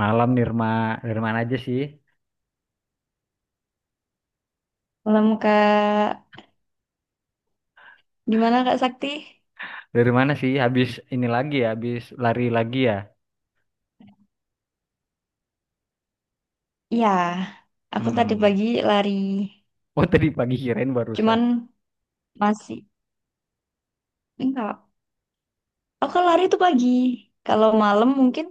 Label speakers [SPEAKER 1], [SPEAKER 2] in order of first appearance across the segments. [SPEAKER 1] Malam Nirma, dari mana aja sih?
[SPEAKER 2] Malam Kak, gimana Kak Sakti?
[SPEAKER 1] Dari mana sih? Habis ini lagi ya, habis lari lagi ya.
[SPEAKER 2] Ya, aku tadi
[SPEAKER 1] Hmm.
[SPEAKER 2] pagi lari,
[SPEAKER 1] Oh tadi pagi kirain barusan.
[SPEAKER 2] cuman masih enggak. Aku kalau lari itu pagi, kalau malam mungkin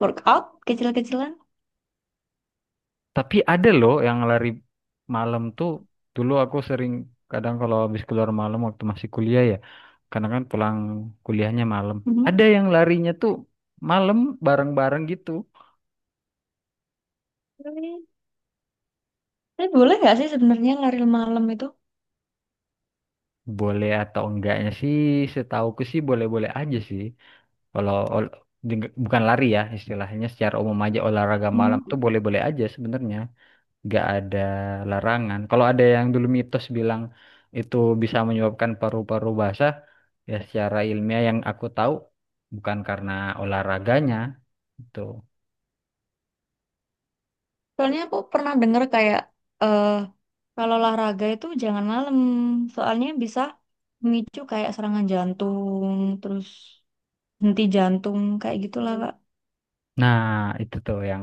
[SPEAKER 2] workout kecil-kecilan.
[SPEAKER 1] Tapi ada loh yang lari malam tuh. Dulu aku sering kadang kalau habis keluar malam waktu masih kuliah ya. Karena kan pulang kuliahnya malam. Ada
[SPEAKER 2] Mhm.
[SPEAKER 1] yang larinya tuh malam bareng-bareng gitu.
[SPEAKER 2] Tapi tapi boleh nggak sih sebenarnya lari malam itu?
[SPEAKER 1] Boleh atau enggaknya sih, setauku sih boleh-boleh aja sih. Kalau di- bukan lari ya istilahnya secara umum aja olahraga malam tuh
[SPEAKER 2] Mhm.
[SPEAKER 1] boleh-boleh aja sebenarnya. Nggak ada larangan. Kalau ada yang dulu mitos bilang itu bisa menyebabkan paru-paru basah, ya secara ilmiah yang aku tahu bukan karena olahraganya itu.
[SPEAKER 2] Soalnya aku pernah dengar kayak eh kalau olahraga itu jangan malam, soalnya bisa memicu kayak serangan jantung, terus henti jantung kayak gitulah Kak.
[SPEAKER 1] Nah, itu tuh yang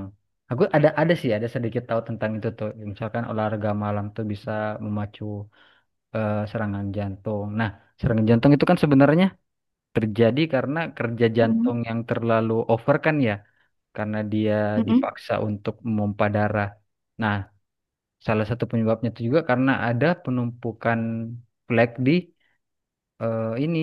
[SPEAKER 1] aku ada sih ada sedikit tahu tentang itu tuh. Misalkan olahraga malam tuh bisa memacu serangan jantung. Nah, serangan jantung itu kan sebenarnya terjadi karena kerja jantung
[SPEAKER 2] Mhm.
[SPEAKER 1] yang terlalu over kan ya, karena dia
[SPEAKER 2] Mhm.
[SPEAKER 1] dipaksa untuk memompa darah. Nah, salah satu penyebabnya itu juga karena ada penumpukan plak di eh, ini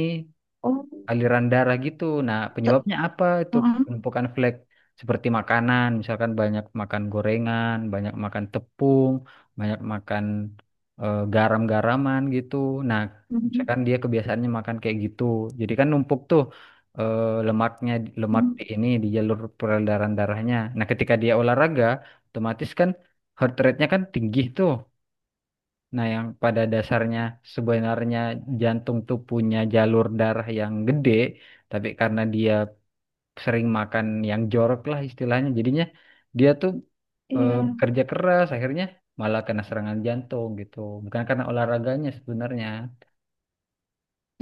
[SPEAKER 2] Oh.
[SPEAKER 1] aliran darah gitu. Nah, penyebabnya apa itu
[SPEAKER 2] Mm-mm,
[SPEAKER 1] penumpukan flek? Seperti makanan, misalkan banyak makan gorengan, banyak makan tepung, banyak makan garam-garaman gitu. Nah,
[SPEAKER 2] mm-mm,
[SPEAKER 1] misalkan dia kebiasaannya makan kayak gitu. Jadi kan numpuk tuh lemaknya, lemak
[SPEAKER 2] mm-mm.
[SPEAKER 1] di jalur peredaran darahnya. Nah, ketika dia olahraga, otomatis kan heart rate-nya kan tinggi tuh. Nah, yang pada dasarnya sebenarnya jantung tuh punya jalur darah yang gede, tapi karena dia sering makan yang jorok lah istilahnya, jadinya dia tuh Hmm.
[SPEAKER 2] Iya.
[SPEAKER 1] bekerja keras, akhirnya malah kena serangan jantung gitu. Bukan karena olahraganya sebenarnya.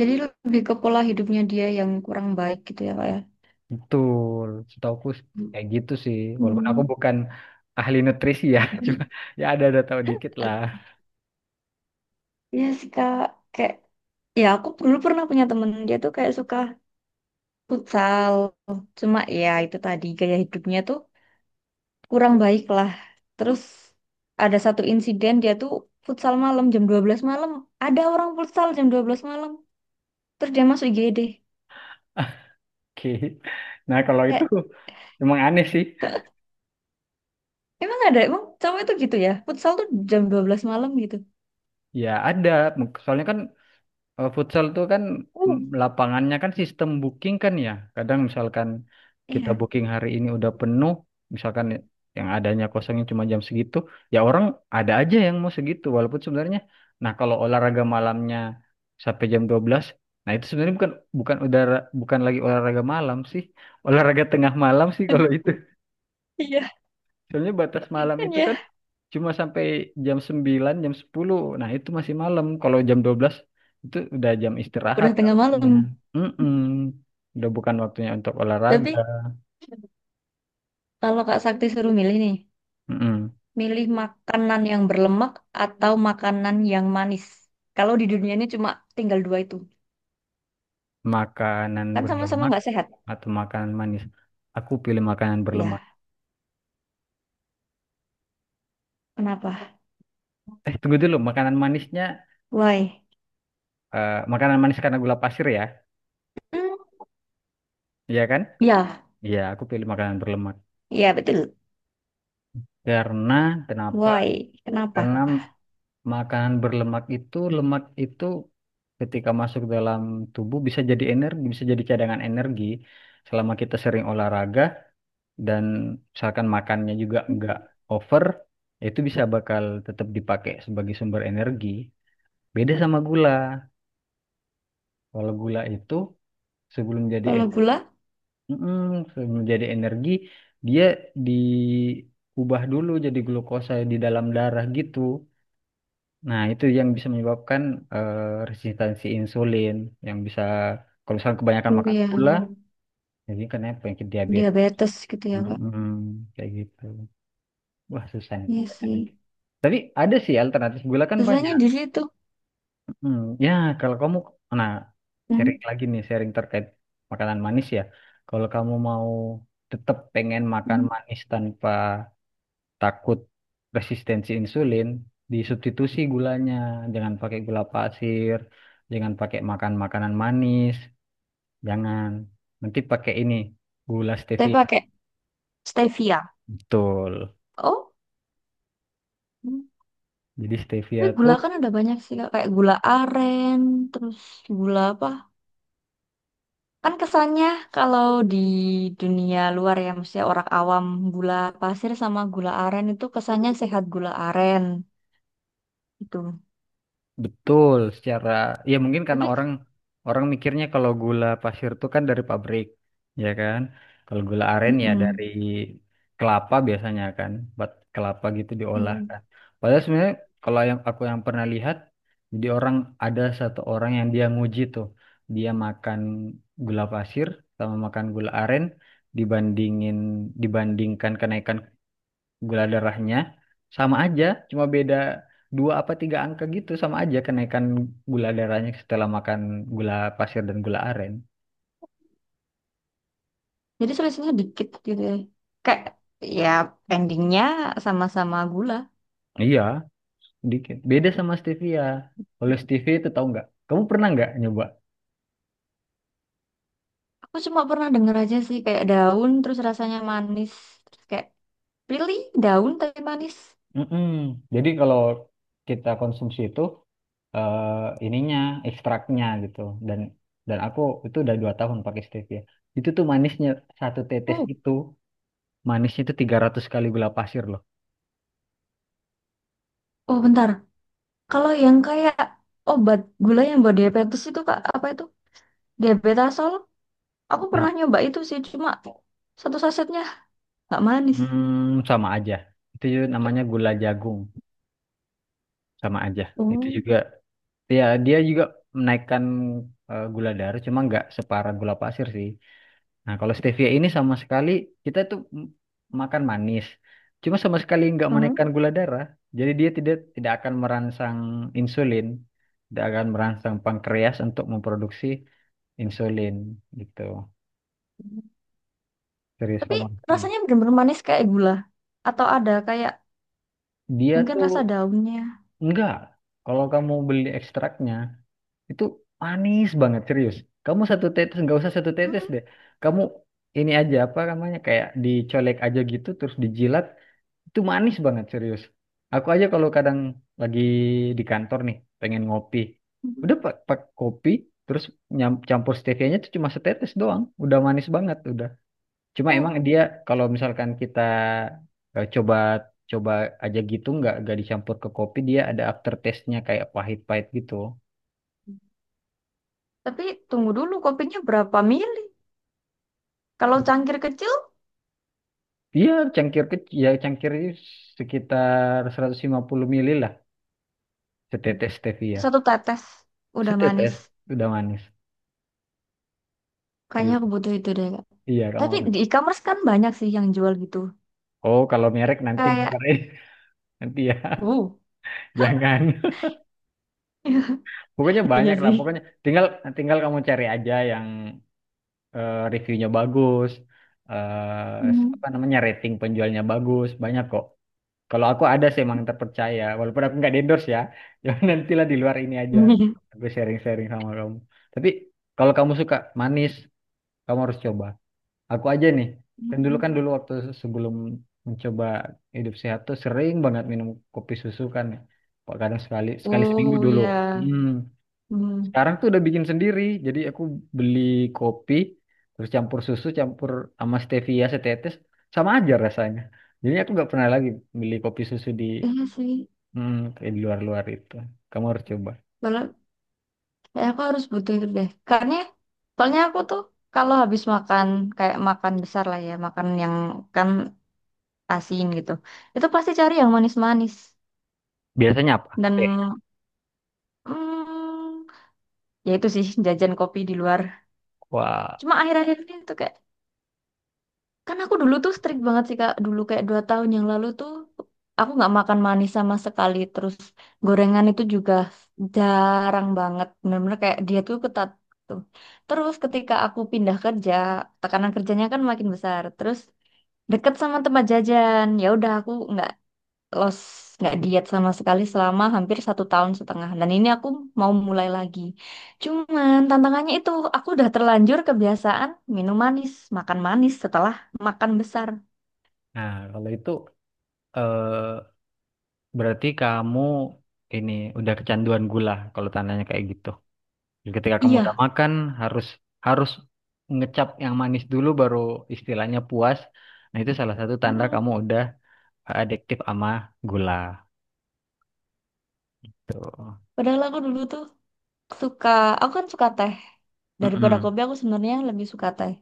[SPEAKER 2] Jadi lebih ke pola hidupnya dia yang kurang baik gitu ya, Kak ya.
[SPEAKER 1] Betul, setauku kayak gitu sih. Walaupun aku
[SPEAKER 2] Hmm.
[SPEAKER 1] bukan ahli nutrisi ya, cuma ya ada-ada tahu dikit lah.
[SPEAKER 2] Iya sih, Kak. Kayak ya aku dulu pernah punya temen dia tuh kayak suka futsal. Cuma ya itu tadi gaya hidupnya tuh kurang baik lah. Terus ada satu insiden dia tuh futsal malam jam 12 malam. Ada orang futsal jam 12 malam. Terus dia masuk IGD.
[SPEAKER 1] Oke. Nah, kalau itu
[SPEAKER 2] Kayak,
[SPEAKER 1] emang aneh sih.
[SPEAKER 2] emang ada, emang cowok itu gitu ya? Futsal tuh jam 12 malam gitu.
[SPEAKER 1] Ya ada, soalnya kan, futsal tuh kan,
[SPEAKER 2] Uh.
[SPEAKER 1] lapangannya kan sistem booking kan, ya. Kadang misalkan kita
[SPEAKER 2] Iya.
[SPEAKER 1] booking hari ini udah penuh, misalkan yang adanya kosongnya cuma jam segitu, ya orang ada aja yang mau segitu walaupun sebenarnya, nah kalau olahraga malamnya sampai jam 12, nah itu sebenarnya bukan bukan udara bukan lagi olahraga malam sih, olahraga tengah malam sih kalau itu.
[SPEAKER 2] Iya,
[SPEAKER 1] Soalnya batas malam
[SPEAKER 2] kan
[SPEAKER 1] itu
[SPEAKER 2] ya.
[SPEAKER 1] kan cuma sampai jam 9 jam 10. Nah, itu masih malam. Kalau jam 12 itu udah jam istirahat
[SPEAKER 2] Udah tengah
[SPEAKER 1] harusnya.
[SPEAKER 2] malam.
[SPEAKER 1] Mm-mm. Udah bukan waktunya untuk olahraga.
[SPEAKER 2] Tapi kalau Kak Sakti suruh milih nih,
[SPEAKER 1] Mm-mm.
[SPEAKER 2] milih makanan yang berlemak atau makanan yang manis. Kalau di dunia ini cuma tinggal dua itu.
[SPEAKER 1] Makanan
[SPEAKER 2] Kan sama-sama
[SPEAKER 1] berlemak
[SPEAKER 2] nggak sehat.
[SPEAKER 1] atau makanan manis. Aku pilih makanan berlemak.
[SPEAKER 2] Ya, kenapa?
[SPEAKER 1] Tunggu dulu. Makanan manisnya,
[SPEAKER 2] Why?
[SPEAKER 1] makanan manis karena gula pasir ya.
[SPEAKER 2] Hmm,
[SPEAKER 1] Iya kan?
[SPEAKER 2] ya,
[SPEAKER 1] Iya, aku pilih makanan berlemak.
[SPEAKER 2] ya betul.
[SPEAKER 1] Karena, kenapa?
[SPEAKER 2] Why? Kenapa?
[SPEAKER 1] Karena makanan berlemak itu, lemak itu ketika masuk dalam tubuh bisa jadi energi, bisa jadi cadangan energi selama kita sering olahraga dan misalkan makannya juga
[SPEAKER 2] Hmm,
[SPEAKER 1] nggak over, ya itu bisa bakal tetap dipakai sebagai sumber energi. Beda sama gula. Kalau gula itu sebelum jadi
[SPEAKER 2] kalau
[SPEAKER 1] energi,
[SPEAKER 2] gula,
[SPEAKER 1] sebelum jadi energi, dia diubah dulu jadi glukosa di dalam darah gitu. Nah, itu yang bisa menyebabkan eh, resistensi insulin yang bisa kalau misalkan kebanyakan
[SPEAKER 2] oh
[SPEAKER 1] makan
[SPEAKER 2] ya,
[SPEAKER 1] gula, jadi kan ya penyakit diabetes.
[SPEAKER 2] diabetes gitu ya, Kak.
[SPEAKER 1] Mm-mm, kayak gitu. Wah, susah nih
[SPEAKER 2] Iya sih.
[SPEAKER 1] pertanyaannya. Tapi ada sih alternatif gula kan
[SPEAKER 2] Susahnya
[SPEAKER 1] banyak.
[SPEAKER 2] di situ.
[SPEAKER 1] Hmm, ya, kalau kamu, nah, sharing
[SPEAKER 2] Hmm.
[SPEAKER 1] lagi nih, sharing terkait makanan manis ya. Kalau kamu mau tetap pengen makan
[SPEAKER 2] Hmm.
[SPEAKER 1] manis tanpa takut resistensi insulin, disubstitusi gulanya, jangan pakai gula pasir, jangan pakai makan makanan manis, jangan, nanti pakai ini gula
[SPEAKER 2] Saya
[SPEAKER 1] stevia.
[SPEAKER 2] pakai stevia.
[SPEAKER 1] Betul.
[SPEAKER 2] Oh. Hmm.
[SPEAKER 1] Jadi stevia
[SPEAKER 2] Tapi gula
[SPEAKER 1] tuh.
[SPEAKER 2] kan ada banyak sih Kak. Kayak gula aren, terus gula apa? Kan kesannya kalau di dunia luar ya, maksudnya orang awam gula pasir sama gula aren itu kesannya sehat, gula aren itu.
[SPEAKER 1] Betul, secara ya mungkin karena
[SPEAKER 2] Tapi
[SPEAKER 1] orang orang mikirnya kalau gula pasir itu kan dari pabrik, ya kan? Kalau gula aren ya
[SPEAKER 2] mm-mm.
[SPEAKER 1] dari kelapa biasanya kan, buat kelapa gitu diolah
[SPEAKER 2] Mm.
[SPEAKER 1] kan. Padahal sebenarnya kalau yang aku yang pernah lihat, jadi orang, ada satu orang yang dia nguji tuh, dia makan gula pasir sama makan gula aren, dibandingin dibandingkan kenaikan gula darahnya sama aja, cuma beda dua apa tiga angka gitu, sama aja kenaikan gula darahnya setelah makan gula pasir dan gula aren.
[SPEAKER 2] Jadi selisihnya dikit gitu ya. Kayak ya endingnya sama-sama gula.
[SPEAKER 1] Iya, dikit. Beda sama stevia. Kalau stevia itu tahu nggak? Kamu pernah nggak nyoba?
[SPEAKER 2] Aku cuma pernah denger aja sih kayak daun terus rasanya manis. Terus kayak pilih daun tapi manis.
[SPEAKER 1] Mm-mm. Jadi kalau kita konsumsi itu ininya, ekstraknya gitu, dan aku itu udah 2 tahun pakai stevia. Itu tuh manisnya satu tetes,
[SPEAKER 2] Oh,
[SPEAKER 1] itu manisnya itu 300 kali gula pasir loh.
[SPEAKER 2] oh bentar. Kalau yang kayak obat gula yang buat diabetes itu Kak, apa itu? Diabetasol. Aku pernah nyoba itu sih, cuma satu sasetnya nggak manis.
[SPEAKER 1] Hmm, sama aja. Itu juga namanya gula jagung, sama aja. Itu
[SPEAKER 2] Oh.
[SPEAKER 1] juga, ya dia juga menaikkan gula darah, cuma nggak separah gula pasir sih. Nah, kalau stevia ini sama sekali, kita tuh makan manis, cuma sama sekali nggak
[SPEAKER 2] Mhm.
[SPEAKER 1] menaikkan gula darah. Jadi dia tidak tidak akan merangsang insulin, tidak akan merangsang pankreas untuk memproduksi insulin gitu. Serius
[SPEAKER 2] Tapi
[SPEAKER 1] kamu.
[SPEAKER 2] rasanya bener-bener manis kayak gula. Atau ada kayak
[SPEAKER 1] Dia
[SPEAKER 2] mungkin
[SPEAKER 1] tuh
[SPEAKER 2] rasa daunnya.
[SPEAKER 1] enggak. Kalau kamu beli ekstraknya, itu manis banget, serius. Kamu satu tetes, nggak usah satu tetes
[SPEAKER 2] Boleh.
[SPEAKER 1] deh. Kamu ini aja, apa namanya, kayak dicolek aja gitu terus dijilat, itu manis banget, serius. Aku aja kalau kadang lagi di kantor nih pengen ngopi.
[SPEAKER 2] Mhm.
[SPEAKER 1] Udah pak pak kopi, terus campur stevianya tuh cuma setetes doang. Udah manis banget udah. Cuma
[SPEAKER 2] Uh,
[SPEAKER 1] emang dia kalau misalkan kita coba, coba aja gitu, nggak dicampur ke kopi, dia ada aftertaste-nya kayak pahit-pahit gitu.
[SPEAKER 2] tapi tunggu dulu, kopinya berapa mili? Kalau cangkir kecil
[SPEAKER 1] Iya, cangkir kecil, ya cangkir ini sekitar 150 mili lah, setetes stevia.
[SPEAKER 2] satu tetes udah manis.
[SPEAKER 1] Setetes, udah manis.
[SPEAKER 2] Kayaknya aku
[SPEAKER 1] Serius.
[SPEAKER 2] butuh itu deh, Kak.
[SPEAKER 1] Iya, kamu
[SPEAKER 2] Tapi di
[SPEAKER 1] harus.
[SPEAKER 2] e-commerce kan banyak sih yang jual gitu.
[SPEAKER 1] Oh, kalau merek nanti
[SPEAKER 2] Kayak,
[SPEAKER 1] dimarahin. Nanti ya,
[SPEAKER 2] uh,
[SPEAKER 1] jangan. Pokoknya
[SPEAKER 2] iya
[SPEAKER 1] banyak lah,
[SPEAKER 2] sih.
[SPEAKER 1] pokoknya tinggal tinggal kamu cari aja yang reviewnya bagus,
[SPEAKER 2] Mmm.
[SPEAKER 1] apa namanya rating penjualnya bagus, banyak kok. Kalau aku ada sih emang yang terpercaya, walaupun aku nggak endorse ya. Jangan, nantilah di luar ini aja. Aku sharing-sharing sama kamu. Tapi kalau kamu suka manis, kamu harus coba. Aku aja nih, kan dulu kan dulu waktu sebelum mencoba hidup sehat tuh sering banget minum kopi susu kan, ya. Kok kadang sekali sekali seminggu
[SPEAKER 2] Oh,
[SPEAKER 1] dulu.
[SPEAKER 2] ya.
[SPEAKER 1] Hmm.
[SPEAKER 2] Mhm.
[SPEAKER 1] Sekarang tuh udah bikin sendiri. Jadi aku beli kopi, terus campur susu, campur sama stevia setetes, sama aja rasanya. Jadi aku nggak pernah lagi beli kopi susu di,
[SPEAKER 2] Iya sih,
[SPEAKER 1] Kayak di luar-luar itu. Kamu harus coba.
[SPEAKER 2] soalnya kayak aku harus butuh itu deh. Karena soalnya aku tuh kalau habis makan kayak makan besar lah ya, makan yang kan asin gitu. Itu pasti cari yang manis-manis,
[SPEAKER 1] Biasanya apa?
[SPEAKER 2] dan
[SPEAKER 1] Eh,
[SPEAKER 2] mm, ya itu sih jajan kopi di luar.
[SPEAKER 1] wah,
[SPEAKER 2] Cuma akhir-akhir ini tuh kayak. Kan aku dulu tuh strict banget sih Kak. Dulu kayak 2 tahun yang lalu tuh aku nggak makan manis sama sekali. Terus gorengan itu juga jarang banget. Bener-bener kayak dia tuh ketat tuh. Terus ketika aku pindah kerja, tekanan kerjanya kan makin besar. Terus deket sama tempat jajan. Ya udah, aku nggak los, nggak diet sama sekali selama hampir satu tahun setengah, dan ini aku mau mulai lagi, cuman tantangannya itu aku udah terlanjur kebiasaan minum manis, makan manis setelah makan besar.
[SPEAKER 1] Nah, kalau itu, eh, berarti kamu ini udah kecanduan gula kalau tandanya kayak gitu. Jadi ketika kamu udah
[SPEAKER 2] Iya.
[SPEAKER 1] makan harus harus ngecap yang manis dulu baru istilahnya puas. Nah, itu salah satu tanda
[SPEAKER 2] Mm-mm.
[SPEAKER 1] kamu udah adiktif sama gula. Tuh.
[SPEAKER 2] Padahal aku dulu tuh suka, aku kan suka teh, daripada
[SPEAKER 1] Mm-mm.
[SPEAKER 2] kopi aku sebenarnya lebih suka teh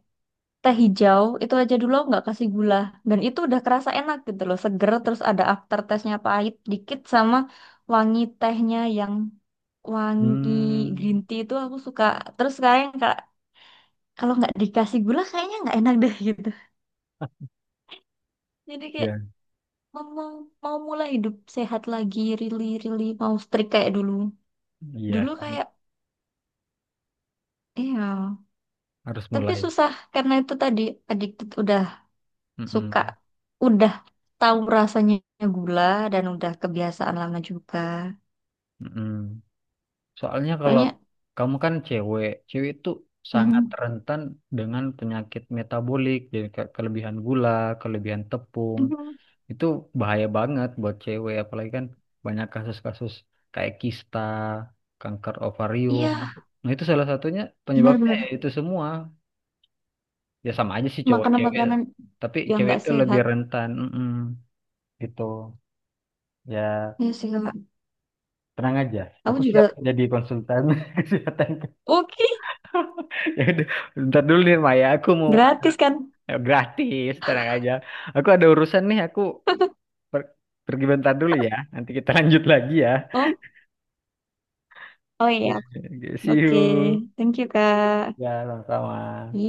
[SPEAKER 2] teh hijau itu aja dulu aku nggak kasih gula, dan itu udah kerasa enak gitu loh, seger, terus ada aftertaste-nya pahit dikit, sama wangi tehnya yang wangi, green
[SPEAKER 1] Hmm,
[SPEAKER 2] tea itu aku suka. Terus sekarang kalau nggak dikasih gula kayaknya nggak enak deh, gitu, jadi kayak
[SPEAKER 1] ya.
[SPEAKER 2] mau, mau mau mulai hidup sehat lagi, really really mau strict kayak dulu
[SPEAKER 1] Iya,
[SPEAKER 2] dulu
[SPEAKER 1] kamu
[SPEAKER 2] kayak iya
[SPEAKER 1] harus
[SPEAKER 2] tapi
[SPEAKER 1] mulai.
[SPEAKER 2] susah karena itu tadi, addicted, udah suka,
[SPEAKER 1] Mm-mm.
[SPEAKER 2] udah tahu rasanya gula, dan udah kebiasaan lama juga
[SPEAKER 1] Mm-mm. Soalnya kalau
[SPEAKER 2] soalnya.
[SPEAKER 1] kamu kan cewek, cewek itu sangat
[SPEAKER 2] mm,
[SPEAKER 1] rentan dengan penyakit metabolik, jadi kelebihan gula, kelebihan tepung, itu bahaya banget buat cewek, apalagi kan banyak kasus-kasus kayak kista, kanker ovarium.
[SPEAKER 2] iya,
[SPEAKER 1] Nah, itu salah satunya penyebabnya ya
[SPEAKER 2] benar-benar
[SPEAKER 1] itu semua. Ya sama aja sih cowok cewek,
[SPEAKER 2] makanan-makanan
[SPEAKER 1] tapi
[SPEAKER 2] yang
[SPEAKER 1] cewek
[SPEAKER 2] nggak
[SPEAKER 1] itu lebih
[SPEAKER 2] sehat,
[SPEAKER 1] rentan, mm gitu. Ya
[SPEAKER 2] ya sih Kak.
[SPEAKER 1] tenang aja,
[SPEAKER 2] Aku
[SPEAKER 1] aku
[SPEAKER 2] juga.
[SPEAKER 1] siap jadi konsultan kesehatan.
[SPEAKER 2] Oke.
[SPEAKER 1] Ya udah, bentar dulu nih Maya, aku mau, ayo,
[SPEAKER 2] Gratis kan?
[SPEAKER 1] gratis, tenang aja. Aku ada urusan nih, aku per- pergi bentar dulu ya. Nanti kita lanjut lagi ya.
[SPEAKER 2] Oh, oh iya.
[SPEAKER 1] Oke, see
[SPEAKER 2] Oke,
[SPEAKER 1] you.
[SPEAKER 2] thank you Kak.
[SPEAKER 1] Ya, sama-sama.
[SPEAKER 2] Iya.